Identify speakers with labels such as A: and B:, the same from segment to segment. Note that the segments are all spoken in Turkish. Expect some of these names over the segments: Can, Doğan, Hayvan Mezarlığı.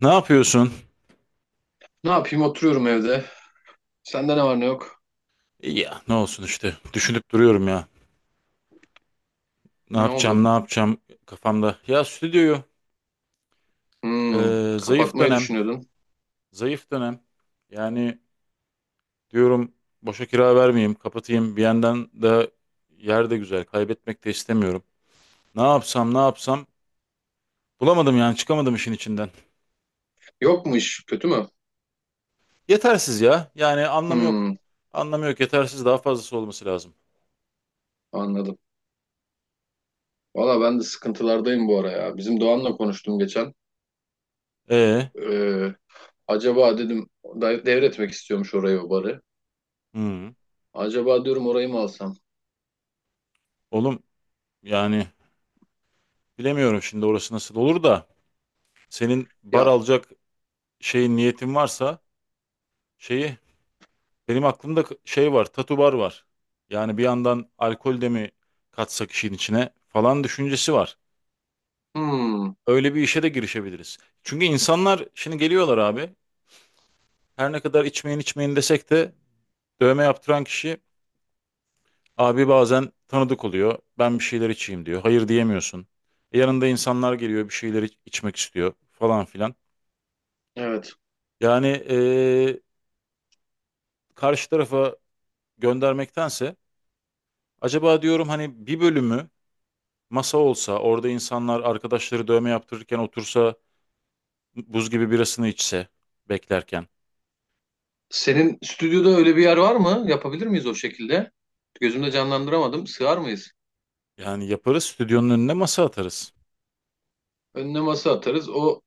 A: Ne yapıyorsun?
B: Ne yapayım, oturuyorum evde. Sende ne var ne yok?
A: İyi. Ya ne olsun işte. Düşünüp duruyorum ya. Ne
B: Ne oldu?
A: yapacağım, ne yapacağım kafamda. Ya stüdyoyu
B: Hmm,
A: e, zayıf
B: Kapatmayı
A: dönem,
B: düşünüyordun.
A: zayıf dönem. Yani diyorum boşa kira vermeyeyim, kapatayım. Bir yandan da yer de güzel, kaybetmek de istemiyorum. Ne yapsam, ne yapsam bulamadım yani çıkamadım işin içinden.
B: Yok mu iş? Kötü mü?
A: Yetersiz ya. Yani anlamı yok.
B: Hmm,
A: Anlamı yok. Yetersiz daha fazlası olması lazım.
B: anladım. Valla ben de sıkıntılardayım bu ara ya. Bizim Doğan'la konuştum geçen.
A: E,
B: Ee, Acaba dedim, devretmek istiyormuş orayı, o barı.
A: hı.
B: Acaba diyorum, orayı mı alsam?
A: Oğlum yani bilemiyorum şimdi orası nasıl olur da senin bar
B: Ya,
A: alacak şeyin niyetin varsa şeyi benim aklımda şey var tatu bar var. Yani bir yandan alkol de mi katsak işin içine falan düşüncesi var.
B: hmm,
A: Öyle bir işe de girişebiliriz. Çünkü insanlar şimdi geliyorlar abi. Her ne kadar içmeyin içmeyin desek de dövme yaptıran kişi abi bazen tanıdık oluyor. Ben bir şeyler içeyim diyor. Hayır diyemiyorsun. Yanında insanlar geliyor bir şeyler içmek istiyor falan filan.
B: evet.
A: Yani karşı tarafa göndermektense acaba diyorum hani bir bölümü masa olsa, orada insanlar arkadaşları dövme yaptırırken otursa, buz gibi birasını içse beklerken.
B: Senin stüdyoda öyle bir yer var mı? Yapabilir miyiz o şekilde? Gözümde canlandıramadım. Sığar mıyız?
A: Yani yaparız, stüdyonun önüne masa atarız.
B: Önüne masa atarız. O,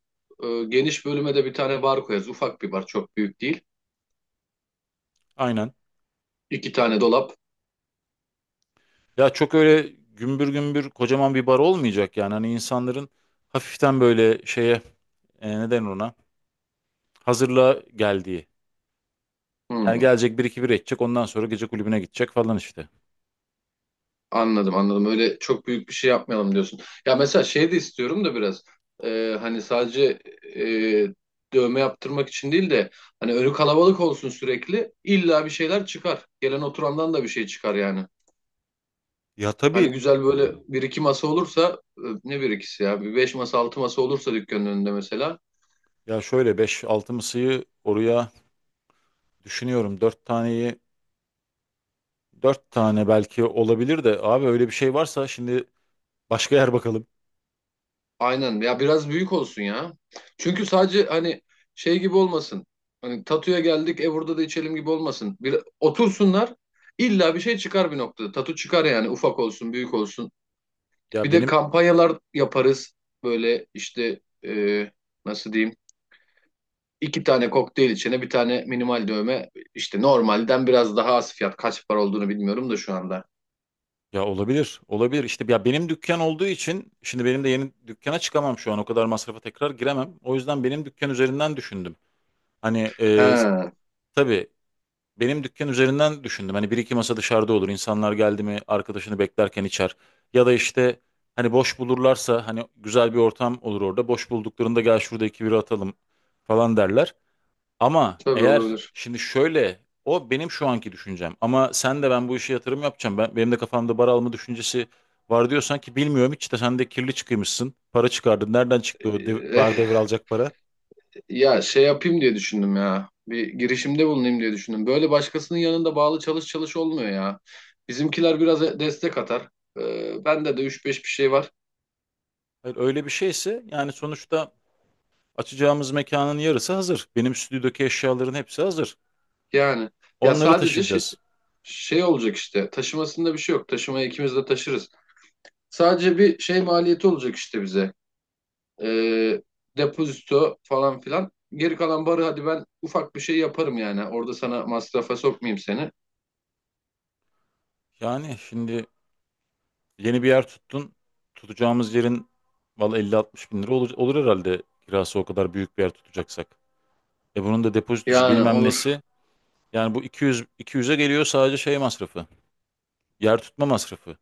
B: geniş bölüme de bir tane bar koyarız. Ufak bir bar, çok büyük değil.
A: Aynen.
B: İki tane dolap.
A: Ya çok öyle gümbür gümbür kocaman bir bar olmayacak yani. Hani insanların hafiften böyle şeye, neden ona, hazırlığa geldiği. Yani
B: Hmm,
A: gelecek bir iki bira içecek, ondan sonra gece kulübüne gidecek falan işte.
B: anladım anladım. Öyle çok büyük bir şey yapmayalım diyorsun. Ya mesela şey de istiyorum da biraz. Hani sadece dövme yaptırmak için değil de, hani önü kalabalık olsun sürekli. İlla bir şeyler çıkar. Gelen oturandan da bir şey çıkar yani.
A: Ya tabii,
B: Hani güzel böyle bir iki masa olursa, ne bir ikisi ya, bir beş masa altı masa olursa dükkanın önünde mesela.
A: ya şöyle beş altı mısıyı oraya düşünüyorum. Dört taneyi, 4 tane belki olabilir de abi öyle bir şey varsa şimdi başka yer bakalım.
B: Aynen ya, biraz büyük olsun ya. Çünkü sadece hani şey gibi olmasın. Hani tatuya geldik, burada da içelim gibi olmasın. Bir, otursunlar, illa bir şey çıkar bir noktada. Tatu çıkar yani, ufak olsun büyük olsun.
A: Ya
B: Bir de
A: benim,
B: kampanyalar yaparız. Böyle işte, e, nasıl diyeyim. İki tane kokteyl içene bir tane minimal dövme. İşte normalden biraz daha az fiyat. Kaç para olduğunu bilmiyorum da şu anda.
A: ya olabilir. Olabilir. İşte ya benim dükkan olduğu için şimdi benim de yeni dükkana çıkamam şu an. O kadar masrafa tekrar giremem. O yüzden benim dükkan üzerinden düşündüm. Hani e,
B: He,
A: tabii benim dükkan üzerinden düşündüm. Hani bir iki masa dışarıda olur. İnsanlar geldi mi arkadaşını beklerken içer. Ya da işte hani boş bulurlarsa hani güzel bir ortam olur orada. Boş bulduklarında gel şurada iki bira atalım falan derler. Ama
B: tabii,
A: eğer
B: olabilir.
A: şimdi şöyle o benim şu anki düşüncem ama sen de ben bu işe yatırım yapacağım. Benim de kafamda bar alma düşüncesi var diyorsan ki bilmiyorum hiç de sen de kirli çıkıymışsın. Para çıkardın. Nereden çıktı o bar
B: E,
A: devralacak para?
B: Ya, şey yapayım diye düşündüm ya. Bir girişimde bulunayım diye düşündüm. Böyle başkasının yanında bağlı çalış çalış olmuyor ya. Bizimkiler biraz destek atar. Bende de üç beş bir şey var.
A: Hayır, öyle bir şeyse yani sonuçta açacağımız mekanın yarısı hazır. Benim stüdyodaki eşyaların hepsi hazır.
B: Yani ya,
A: Onları
B: sadece şey,
A: taşıyacağız.
B: şey olacak işte. Taşımasında bir şey yok. Taşımayı ikimiz de taşırız. Sadece bir şey maliyeti olacak işte bize. Ee, Depozito falan filan. Geri kalan barı, hadi ben ufak bir şey yaparım yani. Orada sana masrafa sokmayayım seni.
A: Yani şimdi yeni bir yer tuttun. Tutacağımız yerin valla 50-60 bin lira olur, olur herhalde kirası o kadar büyük bir yer tutacaksak. E bunun da depozitosu
B: Yani
A: bilmem
B: olur.
A: nesi. Yani bu 200'e geliyor sadece şey masrafı. Yer tutma masrafı.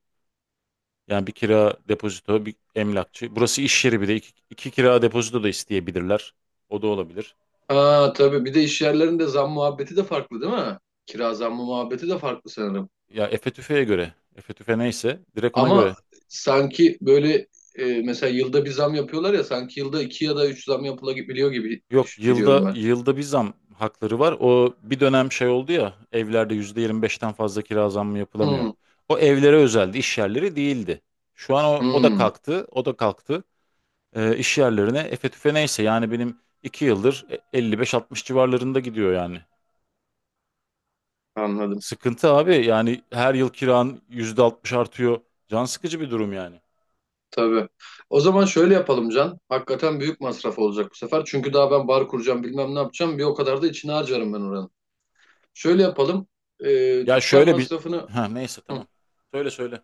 A: Yani bir kira depozito, bir emlakçı. Burası iş yeri, bir de iki, iki kira depozito da isteyebilirler. O da olabilir.
B: Aa, tabii bir de iş yerlerinde zam muhabbeti de farklı değil mi? Kira zammı muhabbeti de farklı sanırım.
A: Ya Efe Tüfe'ye göre. Efe Tüfe neyse direkt ona göre.
B: Ama sanki böyle mesela yılda bir zam yapıyorlar ya, sanki yılda iki ya da üç zam yapılabiliyor gibi
A: Yok,
B: biliyorum
A: yılda
B: ben.
A: yılda bir zam hakları var. O bir dönem şey oldu ya, evlerde %25'ten fazla kira zammı yapılamıyor.
B: Hmm,
A: O evlere özeldi, iş yerleri değildi. Şu an o, o da
B: hmm,
A: kalktı, o da kalktı. İş yerlerine efe tüfe neyse yani benim 2 yıldır 55-60 civarlarında gidiyor yani.
B: anladım.
A: Sıkıntı abi, yani her yıl kiran %60 artıyor. Can sıkıcı bir durum yani.
B: Tabii. O zaman şöyle yapalım Can. Hakikaten büyük masraf olacak bu sefer. Çünkü daha ben bar kuracağım, bilmem ne yapacağım. Bir o kadar da içine harcarım ben oranın. Şöyle yapalım. E,
A: Ya
B: Dükkan
A: şöyle bir,
B: masrafını...
A: ha neyse
B: Hı.
A: tamam. Söyle söyle.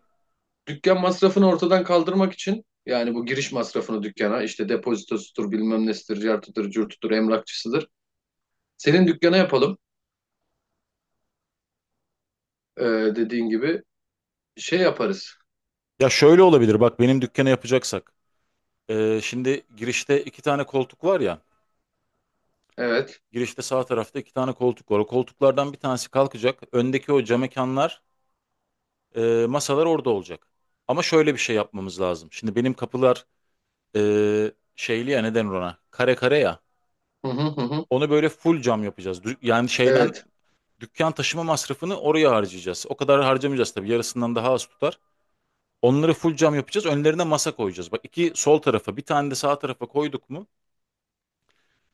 B: Dükkan masrafını ortadan kaldırmak için yani, bu giriş masrafını dükkana, işte depozitosudur, bilmem nesidir, cartıdır curtudur, emlakçısıdır. Senin dükkana yapalım. Ee, Dediğin gibi şey yaparız.
A: Ya şöyle olabilir, bak benim dükkanı yapacaksak. Şimdi girişte iki tane koltuk var ya.
B: Evet.
A: Girişte sağ tarafta iki tane koltuk var. O koltuklardan bir tanesi kalkacak. Öndeki o cam mekanlar, masalar orada olacak. Ama şöyle bir şey yapmamız lazım. Şimdi benim kapılar şeyli ya neden ona? Kare kare ya.
B: Hı hı hı hı.
A: Onu böyle full cam yapacağız. Yani şeyden
B: Evet.
A: dükkan taşıma masrafını oraya harcayacağız. O kadar harcamayacağız tabii. Yarısından daha az tutar. Onları full cam yapacağız. Önlerine masa koyacağız. Bak, iki sol tarafa, bir tane de sağ tarafa koyduk mu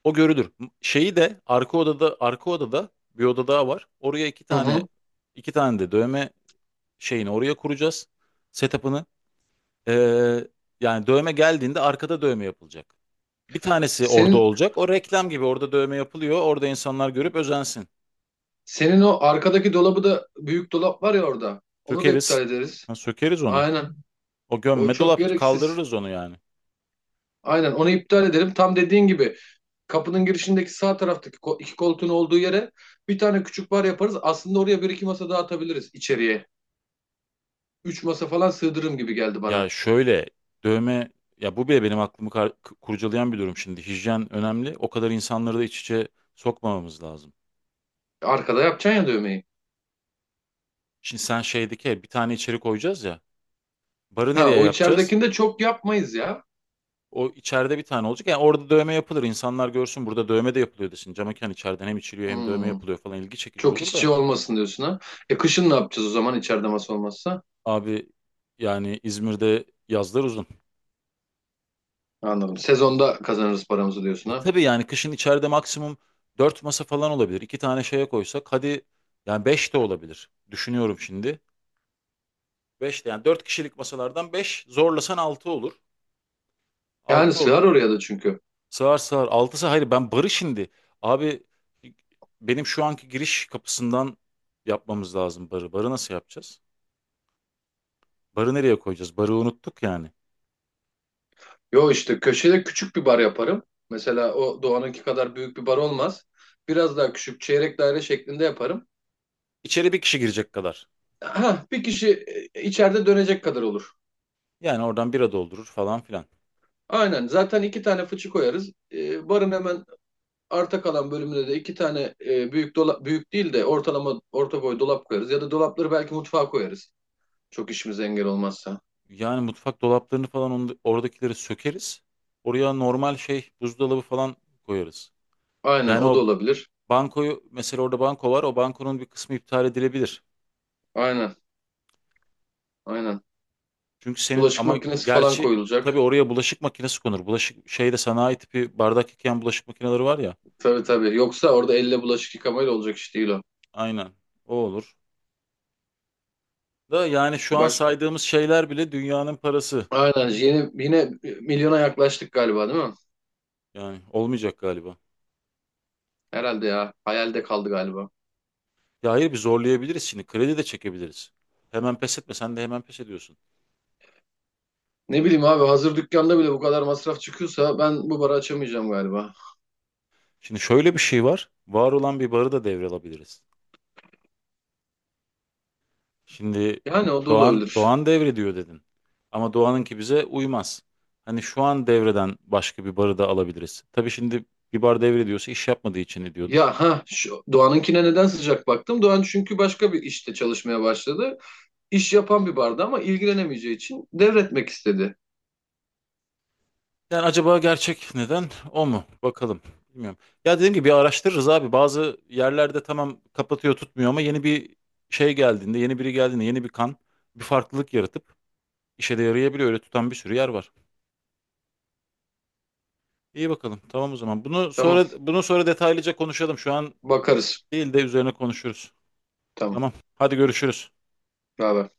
A: o görülür. Şeyi de arka odada, arka odada, bir oda daha var. Oraya iki
B: Hı
A: tane,
B: hı.
A: iki tane de dövme şeyini oraya kuracağız. Setup'ını. Ee, yani dövme geldiğinde arkada dövme yapılacak. Bir tanesi orada
B: Senin
A: olacak. O reklam gibi orada dövme yapılıyor. Orada insanlar görüp özensin.
B: senin o arkadaki dolabı da, büyük dolap var ya orada. Onu da iptal
A: Sökeriz.
B: ederiz.
A: Ha, sökeriz onu.
B: Aynen.
A: O
B: O
A: gömme
B: çok
A: dolap,
B: gereksiz.
A: kaldırırız onu yani.
B: Aynen, onu iptal edelim. Tam dediğin gibi, kapının girişindeki sağ taraftaki iki koltuğun olduğu yere bir tane küçük bar yaparız. Aslında oraya bir iki masa daha atabiliriz içeriye. Üç masa falan sığdırırım gibi geldi
A: Ya
B: bana.
A: şöyle, dövme, ya bu bile benim aklımı kurcalayan bir durum şimdi. Hijyen önemli. O kadar insanları da iç içe sokmamamız lazım.
B: Arkada yapacaksın ya dövmeyi.
A: Şimdi sen şeydeki bir tane içeri koyacağız ya. Barı
B: Ha,
A: nereye
B: o
A: yapacağız?
B: içeridekini de çok yapmayız ya.
A: O içeride bir tane olacak. Yani orada dövme yapılır. İnsanlar görsün burada dövme de yapılıyor desin. Cam mekan içeriden hem içiliyor hem dövme
B: Hmm,
A: yapılıyor falan, ilgi çekici
B: Çok iç
A: olur da.
B: içe olmasın diyorsun ha. Kışın ne yapacağız o zaman, içeride masa olmazsa?
A: Abi yani İzmir'de yazlar uzun.
B: Anladım. Sezonda kazanırız paramızı diyorsun
A: E
B: ha.
A: tabii yani kışın içeride maksimum 4 masa falan olabilir. 2 tane şeye koysak hadi yani 5 de olabilir. Düşünüyorum şimdi. 5 de yani, 4 kişilik masalardan beş, zorlasan 6 olur.
B: Yani
A: 6
B: sığar
A: olur.
B: oraya da çünkü.
A: Sığar sığar. 6'sı. Hayır, ben barı şimdi. Abi, benim şu anki giriş kapısından yapmamız lazım barı. Barı nasıl yapacağız? Barı nereye koyacağız? Barı unuttuk yani.
B: Yo, işte köşede küçük bir bar yaparım. Mesela o Doğan'ınki kadar büyük bir bar olmaz. Biraz daha küçük, çeyrek daire şeklinde yaparım.
A: İçeri bir kişi girecek kadar.
B: Ha, bir kişi içeride dönecek kadar olur.
A: Yani oradan bira doldurur falan filan.
B: Aynen, zaten iki tane fıçı koyarız. Barın hemen arta kalan bölümüne de iki tane büyük dolap, büyük değil de ortalama orta boy dolap koyarız. Ya da dolapları belki mutfağa koyarız. Çok işimize engel olmazsa.
A: Yani mutfak dolaplarını falan oradakileri sökeriz. Oraya normal şey buzdolabı falan koyarız.
B: Aynen,
A: Yani
B: o da
A: o
B: olabilir.
A: bankoyu, mesela orada banko var. O bankonun bir kısmı iptal edilebilir.
B: Aynen aynen.
A: Çünkü senin
B: Bulaşık
A: ama
B: makinesi falan
A: gerçi tabii
B: koyulacak.
A: oraya bulaşık makinesi konur. Bulaşık şeyde sanayi tipi bardak yıkayan bulaşık makineleri var ya.
B: Tabii tabii. Yoksa orada elle bulaşık yıkamayla olacak iş değil o.
A: Aynen o olur. Da yani şu an
B: Baş,
A: saydığımız şeyler bile dünyanın parası.
B: Aynen, yine milyona yaklaştık galiba değil mi?
A: Yani olmayacak galiba.
B: Herhalde ya, hayalde kaldı galiba.
A: Ya hayır, bir zorlayabiliriz şimdi. Kredi de çekebiliriz. Hemen pes etme. Sen de hemen pes ediyorsun.
B: Ne bileyim abi, hazır dükkanda bile bu kadar masraf çıkıyorsa, ben bu barı açamayacağım galiba.
A: Şimdi şöyle bir şey var. Var olan bir barı da devralabiliriz. Şimdi
B: Yani o da
A: Doğan
B: olabilir.
A: Doğan devrediyor dedin. Ama Doğan'ınki bize uymaz. Hani şu an devreden başka bir barı da alabiliriz. Tabii şimdi bir bar devrediyorsa iş yapmadığı için ediyordur.
B: Ya ha, şu Doğan'ınkine neden sıcak baktım? Doğan çünkü başka bir işte çalışmaya başladı. İş yapan bir barda, ama ilgilenemeyeceği için devretmek istedi.
A: Yani acaba gerçek neden o mu? Bakalım. Bilmiyorum. Ya dediğim gibi bir araştırırız abi. Bazı yerlerde tamam kapatıyor tutmuyor ama yeni bir şey geldiğinde, yeni biri geldiğinde, yeni bir kan, bir farklılık yaratıp işe de yarayabiliyor. Öyle tutan bir sürü yer var. İyi bakalım. Tamam o zaman.
B: Tamam,
A: Bunu sonra detaylıca konuşalım. Şu an
B: bakarız.
A: değil de üzerine konuşuruz.
B: Tamam.
A: Tamam. Hadi görüşürüz.
B: Haber?